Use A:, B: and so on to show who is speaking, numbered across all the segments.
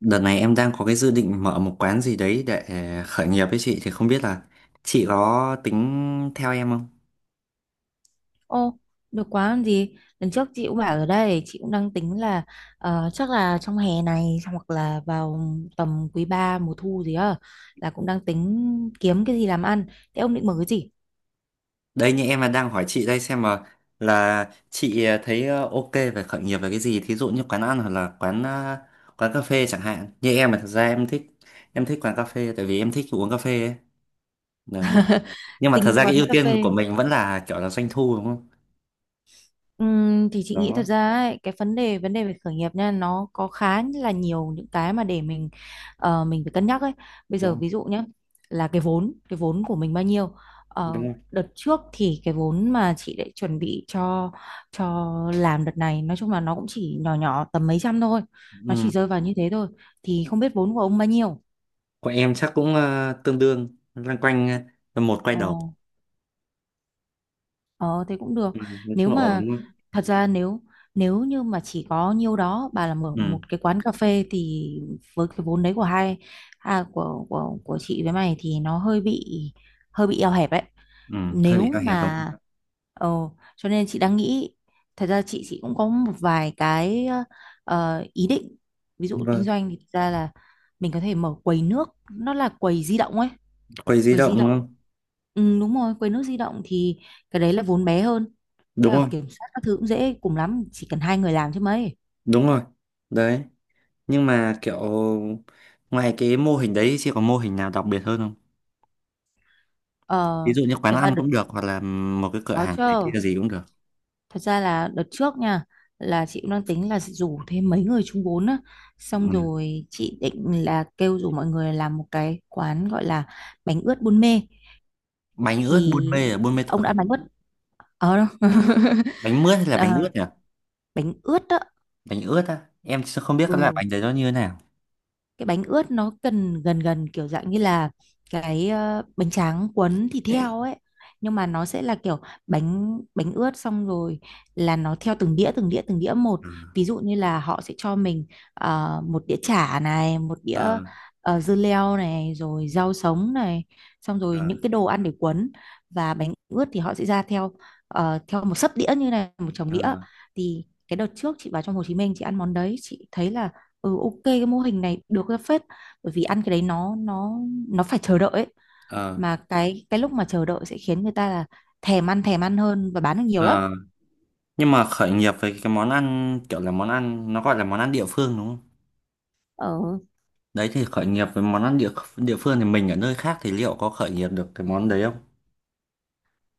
A: Đợt này em đang có cái dự định mở một quán gì đấy để khởi nghiệp với chị thì không biết là chị có tính theo em không?
B: Ô, được quá làm gì? Lần trước chị cũng bảo rồi đây, chị cũng đang tính là chắc là trong hè này hoặc là vào tầm quý 3 mùa thu gì á, là cũng đang tính kiếm cái gì làm ăn. Thế ông định mở cái gì?
A: Đây như em là đang hỏi chị đây xem mà là chị thấy ok về khởi nghiệp về cái gì, thí dụ như quán ăn hoặc là quán cà phê chẳng hạn. Như em là thật ra em thích quán cà phê tại vì em thích uống cà phê ấy. Đấy. Nhưng mà thật
B: Tính
A: ra cái
B: quán
A: ưu
B: cà
A: tiên của
B: phê.
A: mình vẫn là kiểu là doanh thu, đúng không?
B: Thì chị nghĩ thật
A: Đó,
B: ra ấy, cái vấn đề về khởi nghiệp nha, nó có khá là nhiều những cái mà để mình mình phải cân nhắc ấy. Bây
A: đúng
B: giờ
A: không?
B: ví dụ nhé, là cái vốn của mình bao nhiêu.
A: Đúng
B: Ờ,
A: không?
B: Đợt trước thì cái vốn mà chị để chuẩn bị cho làm đợt này nói chung là nó cũng chỉ nhỏ nhỏ tầm mấy trăm thôi, nó
A: Ừ.
B: chỉ rơi vào như thế thôi. Thì không biết vốn của ông bao nhiêu.
A: Của em chắc cũng tương đương loanh quanh một quay
B: Ờ,
A: đầu.
B: Ờ thế cũng được.
A: Ừ, nói
B: Nếu
A: chung là ổn đúng
B: mà
A: không?
B: Thật ra, nếu nếu như mà chỉ có nhiêu đó bà là mở
A: Ừ,
B: một cái quán cà phê, thì với cái vốn đấy của chị với mày, thì nó hơi bị eo hẹp ấy.
A: ừ, hơi bị
B: Nếu
A: hạn hẹp đúng không?
B: mà ờ Cho nên chị đang nghĩ, thật ra chị cũng có một vài cái ý định. Ví dụ kinh
A: Vâng,
B: doanh thì thật ra là mình có thể mở quầy nước, nó là quầy di động ấy.
A: quầy di
B: Quầy
A: động
B: di
A: đúng
B: động,
A: không?
B: ừ, đúng rồi, quầy nước di động thì cái đấy là vốn bé hơn, với
A: Đúng
B: cả
A: rồi.
B: kiểm soát các thứ cũng dễ, cùng lắm chỉ cần hai người làm chứ mấy.
A: Đúng rồi. Đấy, nhưng mà kiểu ngoài cái mô hình đấy thì có mô hình nào đặc biệt hơn không?
B: Ờ,
A: Ví dụ như quán
B: thật ra
A: ăn
B: đợt
A: cũng được hoặc là một cái cửa
B: đó
A: hàng cái
B: chưa,
A: kia gì cũng được.
B: Thật ra là đợt trước nha, là chị cũng đang tính là sẽ rủ thêm mấy người chung vốn á, xong
A: Ừ.
B: rồi chị định là kêu rủ mọi người làm một cái quán gọi là bánh ướt Buôn Mê.
A: Bánh ướt Buôn Mê
B: Thì
A: là Buôn Mê
B: ông
A: Thuột
B: đã
A: à?
B: ăn bánh ướt ờ,
A: Bánh mướt hay là bánh
B: Ờ,
A: ướt nhỉ?
B: bánh ướt đó.
A: Bánh ướt á. Em sẽ không biết cái loại
B: Ừ.
A: bánh đấy nó như thế nào.
B: Cái bánh ướt nó cần gần gần kiểu dạng như là cái bánh tráng cuốn thịt heo ấy, nhưng mà nó sẽ là kiểu bánh bánh ướt. Xong rồi là nó theo từng đĩa, từng đĩa, từng đĩa một.
A: Ừ.
B: Ví dụ như là họ sẽ cho mình một đĩa chả này, một đĩa
A: Ờ,
B: dưa leo này, rồi rau sống này, xong rồi
A: ờ,
B: những cái đồ ăn để cuốn, và bánh ướt thì họ sẽ ra theo theo một sấp đĩa như này, một chồng
A: ờ,
B: đĩa. Thì cái đợt trước chị vào trong Hồ Chí Minh chị ăn món đấy, chị thấy là ok, cái mô hình này được ra phết. Bởi vì ăn cái đấy, nó nó phải chờ đợi ấy.
A: ờ,
B: Mà cái lúc mà chờ đợi sẽ khiến người ta là thèm ăn, thèm ăn hơn, và bán được nhiều lắm.
A: ờ. Nhưng mà khởi nghiệp với cái món ăn kiểu là món ăn nó gọi là món ăn địa phương đúng không?
B: ờ,
A: Đấy thì khởi nghiệp với món ăn địa địa phương thì mình ở nơi khác thì liệu có khởi nghiệp được cái món đấy không?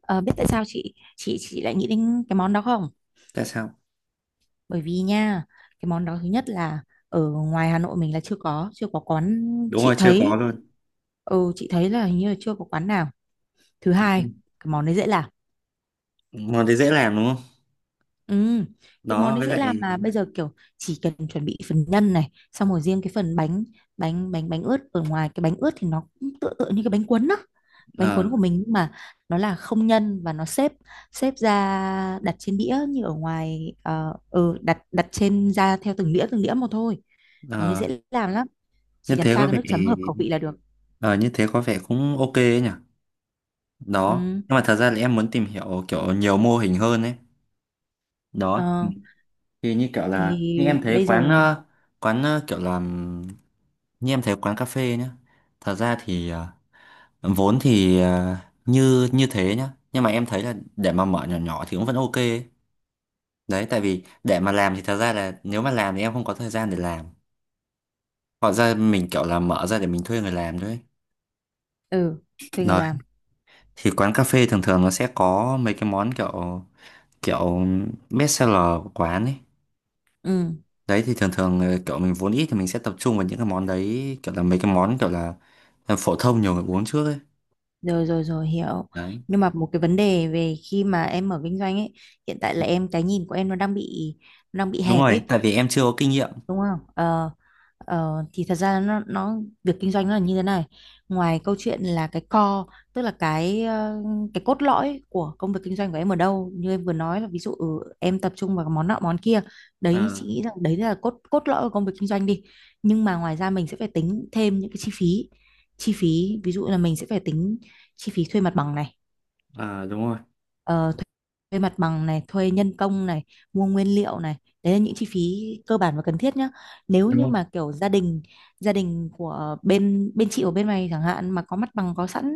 B: ờ Biết tại sao chị lại nghĩ đến cái món đó không?
A: Tại sao?
B: Bởi vì nha, cái món đó thứ nhất là ở ngoài Hà Nội mình là chưa có quán.
A: Đúng rồi,
B: chị
A: chưa có
B: thấy
A: luôn.
B: chị thấy là hình như là chưa có quán nào. Thứ hai,
A: Đúng.
B: cái món đấy dễ làm.
A: Món đấy dễ làm đúng không?
B: Ừ, cái món
A: Đó
B: đấy
A: với
B: dễ làm
A: lại
B: là bây giờ kiểu chỉ cần chuẩn bị phần nhân này, xong rồi riêng cái phần bánh bánh bánh bánh ướt, ở ngoài cái bánh ướt thì nó cũng tựa tựa như cái bánh cuốn đó. Bánh
A: ờ
B: cuốn của mình nhưng mà nó là không nhân, và nó xếp xếp ra đặt trên đĩa, như ở ngoài đặt đặt trên, ra theo từng đĩa, từng đĩa một thôi. Món đấy
A: ờ,
B: dễ làm lắm,
A: như
B: chỉ cần
A: thế
B: pha
A: có
B: cái
A: vẻ
B: nước chấm hợp khẩu vị là được.
A: ờ như thế có vẻ cũng ok ấy nhỉ. Đó.
B: Ừ,
A: Nhưng mà thật ra là em muốn tìm hiểu kiểu nhiều mô hình hơn ấy. Đó.
B: ờ,
A: Thì như kiểu là như
B: thì
A: em thấy
B: bây giờ
A: kiểu làm như em thấy quán cà phê nhá. Thật ra thì ờ, vốn thì ờ, như như thế nhá. Nhưng mà em thấy là để mà mở nhỏ nhỏ thì cũng vẫn ok ấy. Đấy, tại vì để mà làm thì thật ra là nếu mà làm thì em không có thời gian để làm. Hoặc ra mình kiểu là mở ra để mình thuê người làm thôi ấy.
B: ừ thuê người
A: Đấy,
B: làm.
A: thì quán cà phê thường thường nó sẽ có mấy cái món kiểu kiểu best seller của quán ấy.
B: Ừ.
A: Đấy thì thường thường kiểu mình vốn ít thì mình sẽ tập trung vào những cái món đấy kiểu là mấy cái món kiểu là phổ thông nhiều người uống trước ấy.
B: Rồi, rồi, rồi, hiểu.
A: Đấy.
B: Nhưng mà một cái vấn đề về khi mà em mở kinh doanh ấy, hiện tại là cái nhìn của em nó đang bị
A: Đúng
B: hẹp ấy,
A: rồi, tại vì em chưa có kinh nghiệm.
B: đúng không? Ờ, thì thật ra nó việc kinh doanh nó là như thế này. Ngoài câu chuyện là cái core, tức là cái cốt lõi của công việc kinh doanh của em ở đâu, như em vừa nói là ví dụ em tập trung vào món nọ món kia, đấy
A: Ờ,
B: chị nghĩ rằng đấy là cốt cốt lõi của công việc kinh doanh đi. Nhưng mà ngoài ra mình sẽ phải tính thêm những cái chi phí ví dụ là mình sẽ phải tính chi phí thuê mặt bằng này.
A: à, đúng rồi.
B: Ờ, thuê thuê mặt bằng này, thuê nhân công này, mua nguyên liệu này, đấy là những chi phí cơ bản và cần thiết nhá. Nếu
A: Đúng
B: như
A: rồi.
B: mà kiểu gia đình của bên bên chị ở bên mày chẳng hạn, mà có mặt bằng có sẵn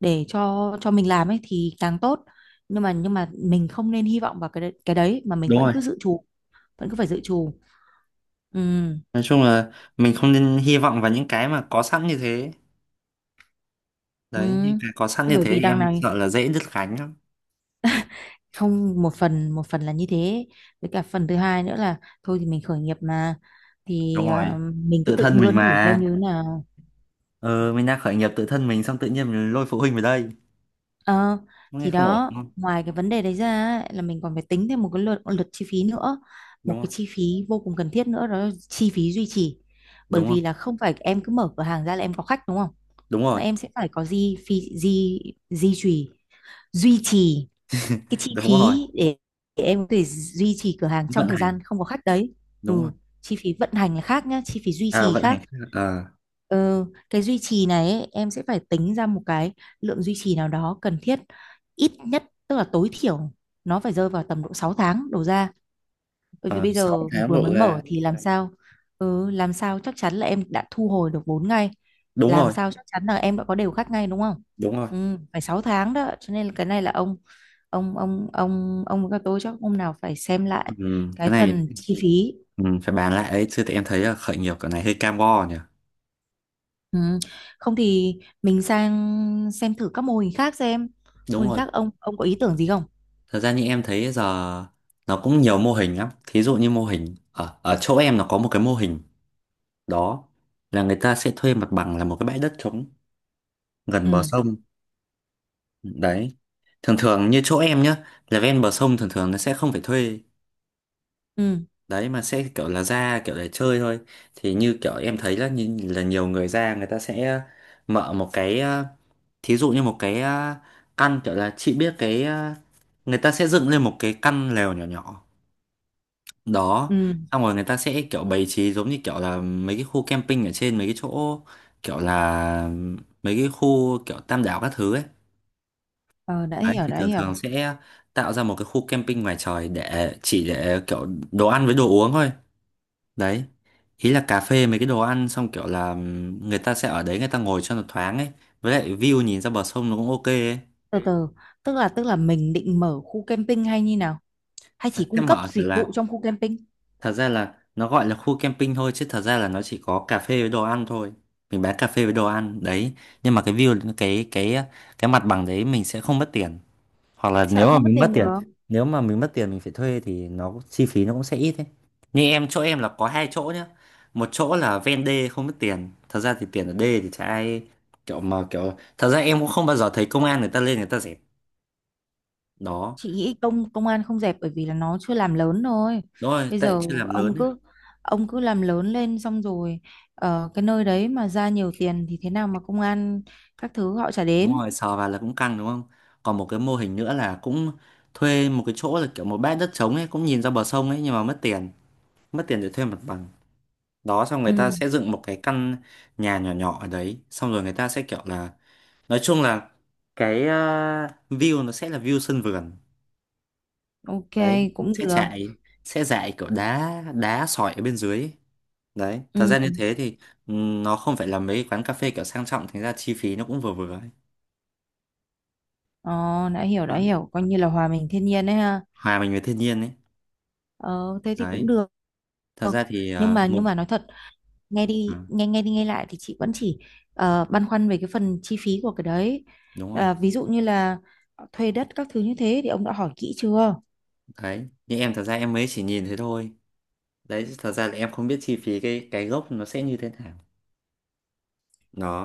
B: để cho mình làm ấy, thì càng tốt. nhưng mà mình không nên hy vọng vào cái đấy, mà mình
A: Đúng
B: vẫn
A: rồi.
B: cứ dự trù, vẫn cứ phải dự trù. Ừ,
A: Nói chung là mình không nên hy vọng vào những cái mà có sẵn như thế,
B: ừ.
A: đấy những cái có sẵn
B: Thế
A: như
B: bởi
A: thế
B: vì
A: thì
B: đằng
A: em
B: này,
A: sợ là dễ đứt gánh lắm.
B: không, một phần là như thế, với cả phần thứ hai nữa là, thôi thì mình khởi nghiệp mà,
A: Đúng
B: thì
A: rồi,
B: mình cứ
A: tự
B: tự
A: thân mình
B: bươn thử xem
A: mà,
B: như thế nào.
A: ờ mình đang khởi nghiệp tự thân mình xong tự nhiên mình lôi phụ huynh vào đây
B: Ờ,
A: nghe
B: thì
A: không ổn
B: đó,
A: đúng không?
B: ngoài cái vấn đề đấy ra ấy, là mình còn phải tính thêm một cái lượt lượt chi phí nữa,
A: Đúng
B: một
A: rồi.
B: cái chi phí vô cùng cần thiết nữa, đó là chi phí duy trì. Bởi
A: Đúng không?
B: vì là không phải em cứ mở cửa hàng ra là em có khách đúng không,
A: Đúng
B: mà
A: rồi.
B: em sẽ phải có gì, phí gì duy trì duy trì cái chi
A: Đúng rồi.
B: phí để em có thể duy trì cửa hàng trong
A: Vận
B: thời gian
A: hành,
B: không có khách đấy. Ừ,
A: đúng rồi.
B: chi phí vận hành là khác nhá, chi phí duy
A: À,
B: trì
A: vận hành.
B: khác.
A: ờ
B: Ờ, cái duy trì này ấy, em sẽ phải tính ra một cái lượng duy trì nào đó cần thiết, ít nhất, tức là tối thiểu nó phải rơi vào tầm độ 6 tháng đổ ra. Bởi vì
A: ờ
B: bây
A: sáu
B: giờ
A: tháng
B: vừa mới
A: độ ra.
B: mở thì làm sao, làm sao chắc chắn là em đã thu hồi được vốn ngay,
A: Đúng
B: làm
A: rồi.
B: sao chắc chắn là em đã có đều khách ngay đúng không?
A: Đúng rồi.
B: Phải 6 tháng đó, cho nên là cái này là ông, ông với các tôi chắc hôm nào phải xem
A: Ừ,
B: lại cái
A: cái này
B: phần chi phí.
A: ừ, phải bàn lại ấy chứ thì em thấy là khởi nghiệp cái này hơi cam go nhỉ.
B: Ừ. Không thì mình sang xem thử các mô hình khác xem. Mô
A: Đúng
B: hình
A: rồi.
B: khác, ông có ý tưởng gì không?
A: Thật ra như em thấy giờ nó cũng nhiều mô hình lắm. Thí dụ như mô hình ở, ở chỗ em nó có một cái mô hình đó là người ta sẽ thuê mặt bằng là một cái bãi đất trống gần bờ
B: Ừ,
A: sông. Đấy. Thường thường như chỗ em nhá, là ven bờ sông thường thường nó sẽ không phải thuê.
B: ừ,
A: Đấy mà sẽ kiểu là ra kiểu để chơi thôi. Thì như kiểu em thấy là như là nhiều người ra người ta sẽ mở một thí dụ như một căn kiểu là chị biết người ta sẽ dựng lên một cái căn lều nhỏ nhỏ đó
B: ừ.
A: xong rồi người ta sẽ kiểu bày trí giống như kiểu là mấy cái khu camping ở trên mấy cái chỗ kiểu là mấy cái khu kiểu Tam Đảo các thứ ấy,
B: Ờ, đã
A: đấy
B: hiểu,
A: thì
B: đã
A: thường
B: hiểu.
A: thường sẽ tạo ra một cái khu camping ngoài trời để chỉ để kiểu đồ ăn với đồ uống thôi đấy, ý là cà phê mấy cái đồ ăn xong kiểu là người ta sẽ ở đấy người ta ngồi cho nó thoáng ấy với lại view nhìn ra bờ sông nó cũng ok ấy.
B: Từ từ, tức là mình định mở khu camping hay như nào, hay chỉ
A: Sẽ
B: cung cấp
A: mở kiểu
B: dịch
A: là
B: vụ trong khu camping?
A: thật ra là nó gọi là khu camping thôi chứ thật ra là nó chỉ có cà phê với đồ ăn thôi. Mình bán cà phê với đồ ăn đấy. Nhưng mà cái view cái cái mặt bằng đấy mình sẽ không mất tiền. Hoặc là
B: Sao lại
A: nếu mà
B: không mất
A: mình mất
B: tiền
A: tiền,
B: được?
A: nếu mà mình mất tiền mình phải thuê thì nó chi phí nó cũng sẽ ít đấy. Như em chỗ em là có hai chỗ nhá. Một chỗ là ven đê không mất tiền. Thật ra thì tiền ở đê thì chả ai kiểu mà kiểu thật ra em cũng không bao giờ thấy công an người ta lên người ta dẹp. Đó.
B: Chị nghĩ công công an không dẹp bởi vì là nó chưa làm lớn thôi.
A: Đúng rồi,
B: Bây
A: tại
B: giờ
A: chưa làm lớn
B: ông
A: ấy.
B: cứ ông cứ làm lớn lên, xong rồi ở cái nơi đấy mà ra nhiều tiền thì thế nào mà công an các thứ họ chả
A: Đúng
B: đến.
A: rồi sờ vào là cũng căng đúng không? Còn một cái mô hình nữa là cũng thuê một cái chỗ là kiểu một bãi đất trống ấy cũng nhìn ra bờ sông ấy nhưng mà mất tiền, mất tiền để thuê mặt bằng đó, xong người ta
B: ừ
A: sẽ dựng một cái căn nhà nhỏ nhỏ ở đấy xong rồi người ta sẽ kiểu là nói chung là cái ờ, view nó sẽ là view sân vườn
B: ok,
A: đấy,
B: cũng
A: sẽ
B: được.
A: chạy sẽ dạy kiểu đá đá sỏi ở bên dưới ấy. Đấy thật
B: Ừ.
A: ra như thế thì nó không phải là mấy quán cà phê kiểu sang trọng thành ra chi phí nó cũng vừa vừa ấy.
B: ờ, đã hiểu, đã
A: Đó.
B: hiểu, coi như là hòa mình thiên nhiên đấy ha.
A: Hòa mình với thiên nhiên ấy,
B: Ờ, Thế thì cũng
A: đấy.
B: được.
A: Thật ra thì
B: nhưng
A: ờ,
B: mà
A: một
B: nhưng mà nói thật, nghe
A: ừ,
B: đi nghe nghe đi nghe lại thì chị vẫn chỉ băn khoăn về cái phần chi phí của cái đấy.
A: đúng rồi.
B: À, ví dụ như là thuê đất các thứ như thế thì ông đã hỏi kỹ chưa?
A: Đấy như em thật ra em mới chỉ nhìn thế thôi, đấy thật ra là em không biết chi phí cái gốc nó sẽ như thế nào.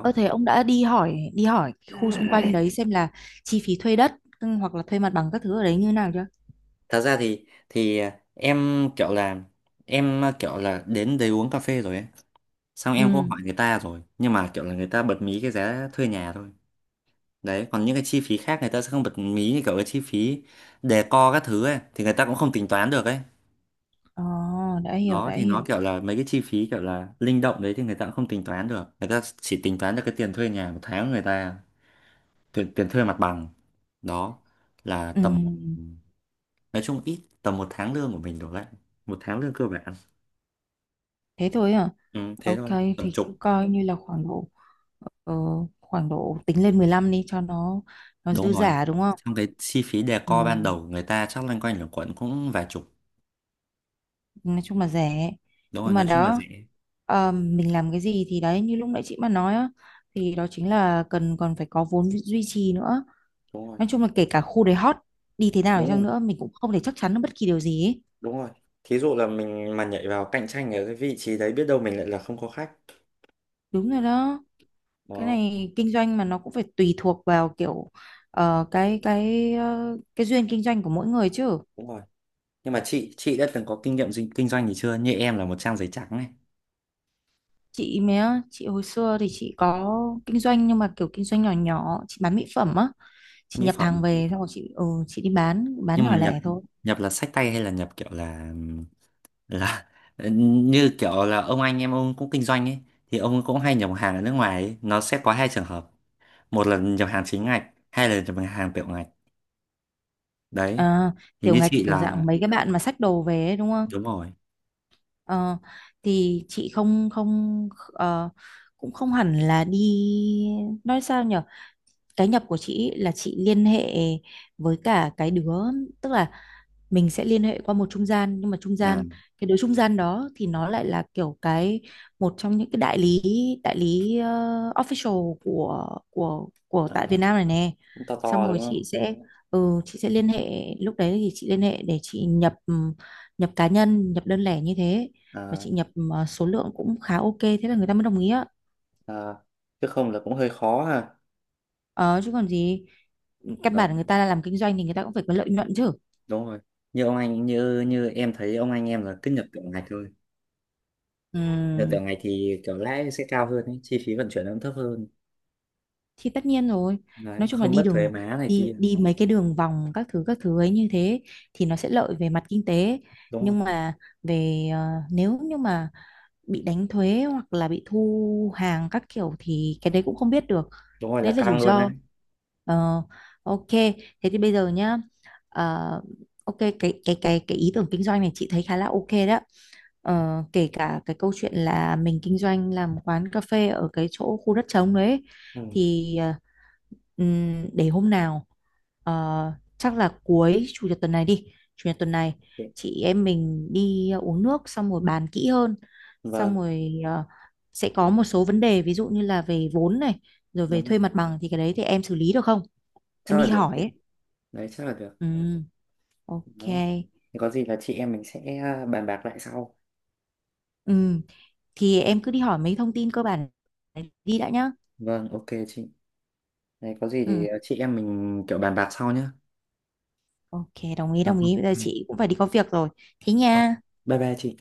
B: Ơ thế ông đã đi hỏi, đi hỏi khu xung quanh đấy xem là chi phí thuê đất, hoặc là thuê mặt bằng các thứ ở đấy như nào chưa?
A: Thật ra thì em kiểu là em kiểu là đến đấy uống cà phê rồi ấy xong em cũng
B: Ừ.
A: hỏi người ta rồi nhưng mà kiểu là người ta bật mí cái giá thuê nhà thôi. Đấy còn những cái chi phí khác người ta sẽ không bật mí như kiểu cái chi phí decor các thứ ấy thì người ta cũng không tính toán được ấy.
B: ờ đã hiểu,
A: Đó
B: đã
A: thì nó
B: hiểu.
A: kiểu là mấy cái chi phí kiểu là linh động đấy thì người ta cũng không tính toán được, người ta chỉ tính toán được cái tiền thuê nhà một tháng người ta, tiền thuê mặt bằng đó là
B: Ừ,
A: tầm nói chung ít tầm một tháng lương của mình đổ lại, một tháng lương cơ bản.
B: thế thôi à?
A: Ừ, thế
B: Ok,
A: thôi tầm
B: thì cứ
A: chục.
B: coi như là ờ, khoảng độ tính lên 15 đi, cho nó
A: Đúng
B: dư
A: rồi,
B: giả đúng không?
A: trong cái chi phí
B: Ừ,
A: decor ban đầu người ta chắc loanh quanh lẩn quẩn cũng vài chục.
B: nói chung là rẻ.
A: Đúng rồi
B: Nhưng mà
A: nói chung là
B: đó,
A: rẻ.
B: mình làm cái gì thì đấy như lúc nãy chị mà nói á, thì đó chính là cần, còn phải có vốn duy trì nữa.
A: Đúng rồi.
B: Nói chung là kể cả khu đấy hot đi, thế nào đi
A: Đúng
B: chăng
A: rồi.
B: nữa mình cũng không thể chắc chắn được bất kỳ điều gì ấy.
A: Đúng rồi. Thí dụ là mình mà nhảy vào cạnh tranh ở cái vị trí đấy biết đâu mình lại là không có khách.
B: Đúng rồi đó, cái
A: Đó,
B: này kinh doanh mà nó cũng phải tùy thuộc vào kiểu cái cái duyên kinh doanh của mỗi người chứ.
A: đúng rồi. Nhưng mà chị đã từng có kinh nghiệm kinh doanh gì chưa, như em là một trang giấy trắng này.
B: Chị hồi xưa thì chị có kinh doanh, nhưng mà kiểu kinh doanh nhỏ nhỏ, chị bán mỹ phẩm
A: Ờ,
B: á. Chị
A: mỹ
B: nhập hàng
A: phẩm.
B: về, xong rồi chị đi bán
A: Nhưng mà
B: nhỏ
A: nhập,
B: lẻ thôi.
A: nhập là xách tay hay là nhập kiểu là như kiểu là ông anh em ông cũng kinh doanh ấy thì ông cũng hay nhập hàng ở nước ngoài ấy. Nó sẽ có hai trường hợp, một là nhập hàng chính ngạch hai là nhập hàng tiểu ngạch đấy.
B: À,
A: Thì
B: tiểu
A: như
B: ngạch
A: chị
B: kiểu
A: là
B: dạng mấy cái bạn mà xách đồ về ấy, đúng không.
A: đúng rồi
B: Ờ, thì chị không không cũng không hẳn là đi, nói sao nhở, cái nhập của chị ý là chị liên hệ với cả cái đứa, tức là mình sẽ liên hệ qua một trung gian, nhưng mà trung
A: là
B: gian, cái đứa trung gian đó thì nó lại là kiểu cái một trong những cái đại lý, đại lý official của
A: ờ,
B: tại Việt Nam này nè.
A: cũng to
B: Xong
A: to
B: rồi
A: đúng
B: chị
A: không?
B: sẽ ừ, chị sẽ liên hệ, lúc đấy thì chị liên hệ để chị nhập nhập cá nhân, nhập đơn lẻ như thế, và
A: À,
B: chị nhập số lượng cũng khá ok, thế là người ta mới đồng ý á.
A: à, chứ không là cũng hơi khó ha.
B: Ờ, Chứ còn gì, căn
A: Đó.
B: bản người ta là làm kinh doanh thì người ta cũng phải có lợi nhuận chứ.
A: Đúng rồi, như ông anh như như em thấy ông anh em là cứ nhập tiểu ngạch thôi.
B: Ừ.
A: Nhập tiểu ngạch thì kiểu lãi sẽ cao hơn ấy, chi phí vận chuyển nó cũng thấp hơn
B: Thì tất nhiên rồi,
A: đấy
B: nói chung là
A: không mất thuế má này kia.
B: đi mấy cái đường vòng, các thứ ấy như thế, thì nó sẽ lợi về mặt kinh tế.
A: Đúng rồi
B: Nhưng mà về ờ, nếu như mà bị đánh thuế hoặc là bị thu hàng các kiểu thì cái đấy cũng không biết được,
A: đúng rồi
B: đấy
A: là
B: là rủi
A: căng luôn đấy.
B: ro. Ờ, ok, thế thì bây giờ nhá, ờ, ok, cái ý tưởng kinh doanh này chị thấy khá là ok đó. Ờ, kể cả cái câu chuyện là mình kinh doanh làm quán cà phê ở cái chỗ khu đất trống đấy
A: Ừ.
B: thì ừm, để hôm nào ờ, chắc là cuối chủ nhật tuần này đi, chủ nhật tuần này
A: Ok.
B: chị em mình đi uống nước xong rồi bàn kỹ hơn. Xong
A: Vâng.
B: rồi sẽ có một số vấn đề, ví dụ như là về vốn này, rồi về
A: Đúng rồi,
B: thuê mặt bằng, thì cái đấy thì em xử lý được không? Em
A: chắc là
B: đi
A: được
B: hỏi
A: chị.
B: ấy.
A: Đấy chắc là được.
B: Ừm, ok.
A: Đó. Thì có gì là chị em mình sẽ à, bàn bạc lại sau.
B: Ừm, thì em cứ đi hỏi mấy thông tin cơ bản này đi đã nhá.
A: Vâng ok chị. Đấy có gì
B: Ừm,
A: thì à, chị em mình kiểu bàn bạc sau nhá.
B: ok, đồng ý, đồng
A: Được.
B: ý. Bây giờ chị cũng phải đi có việc rồi, thế
A: Ok.
B: nha.
A: Bye bye chị.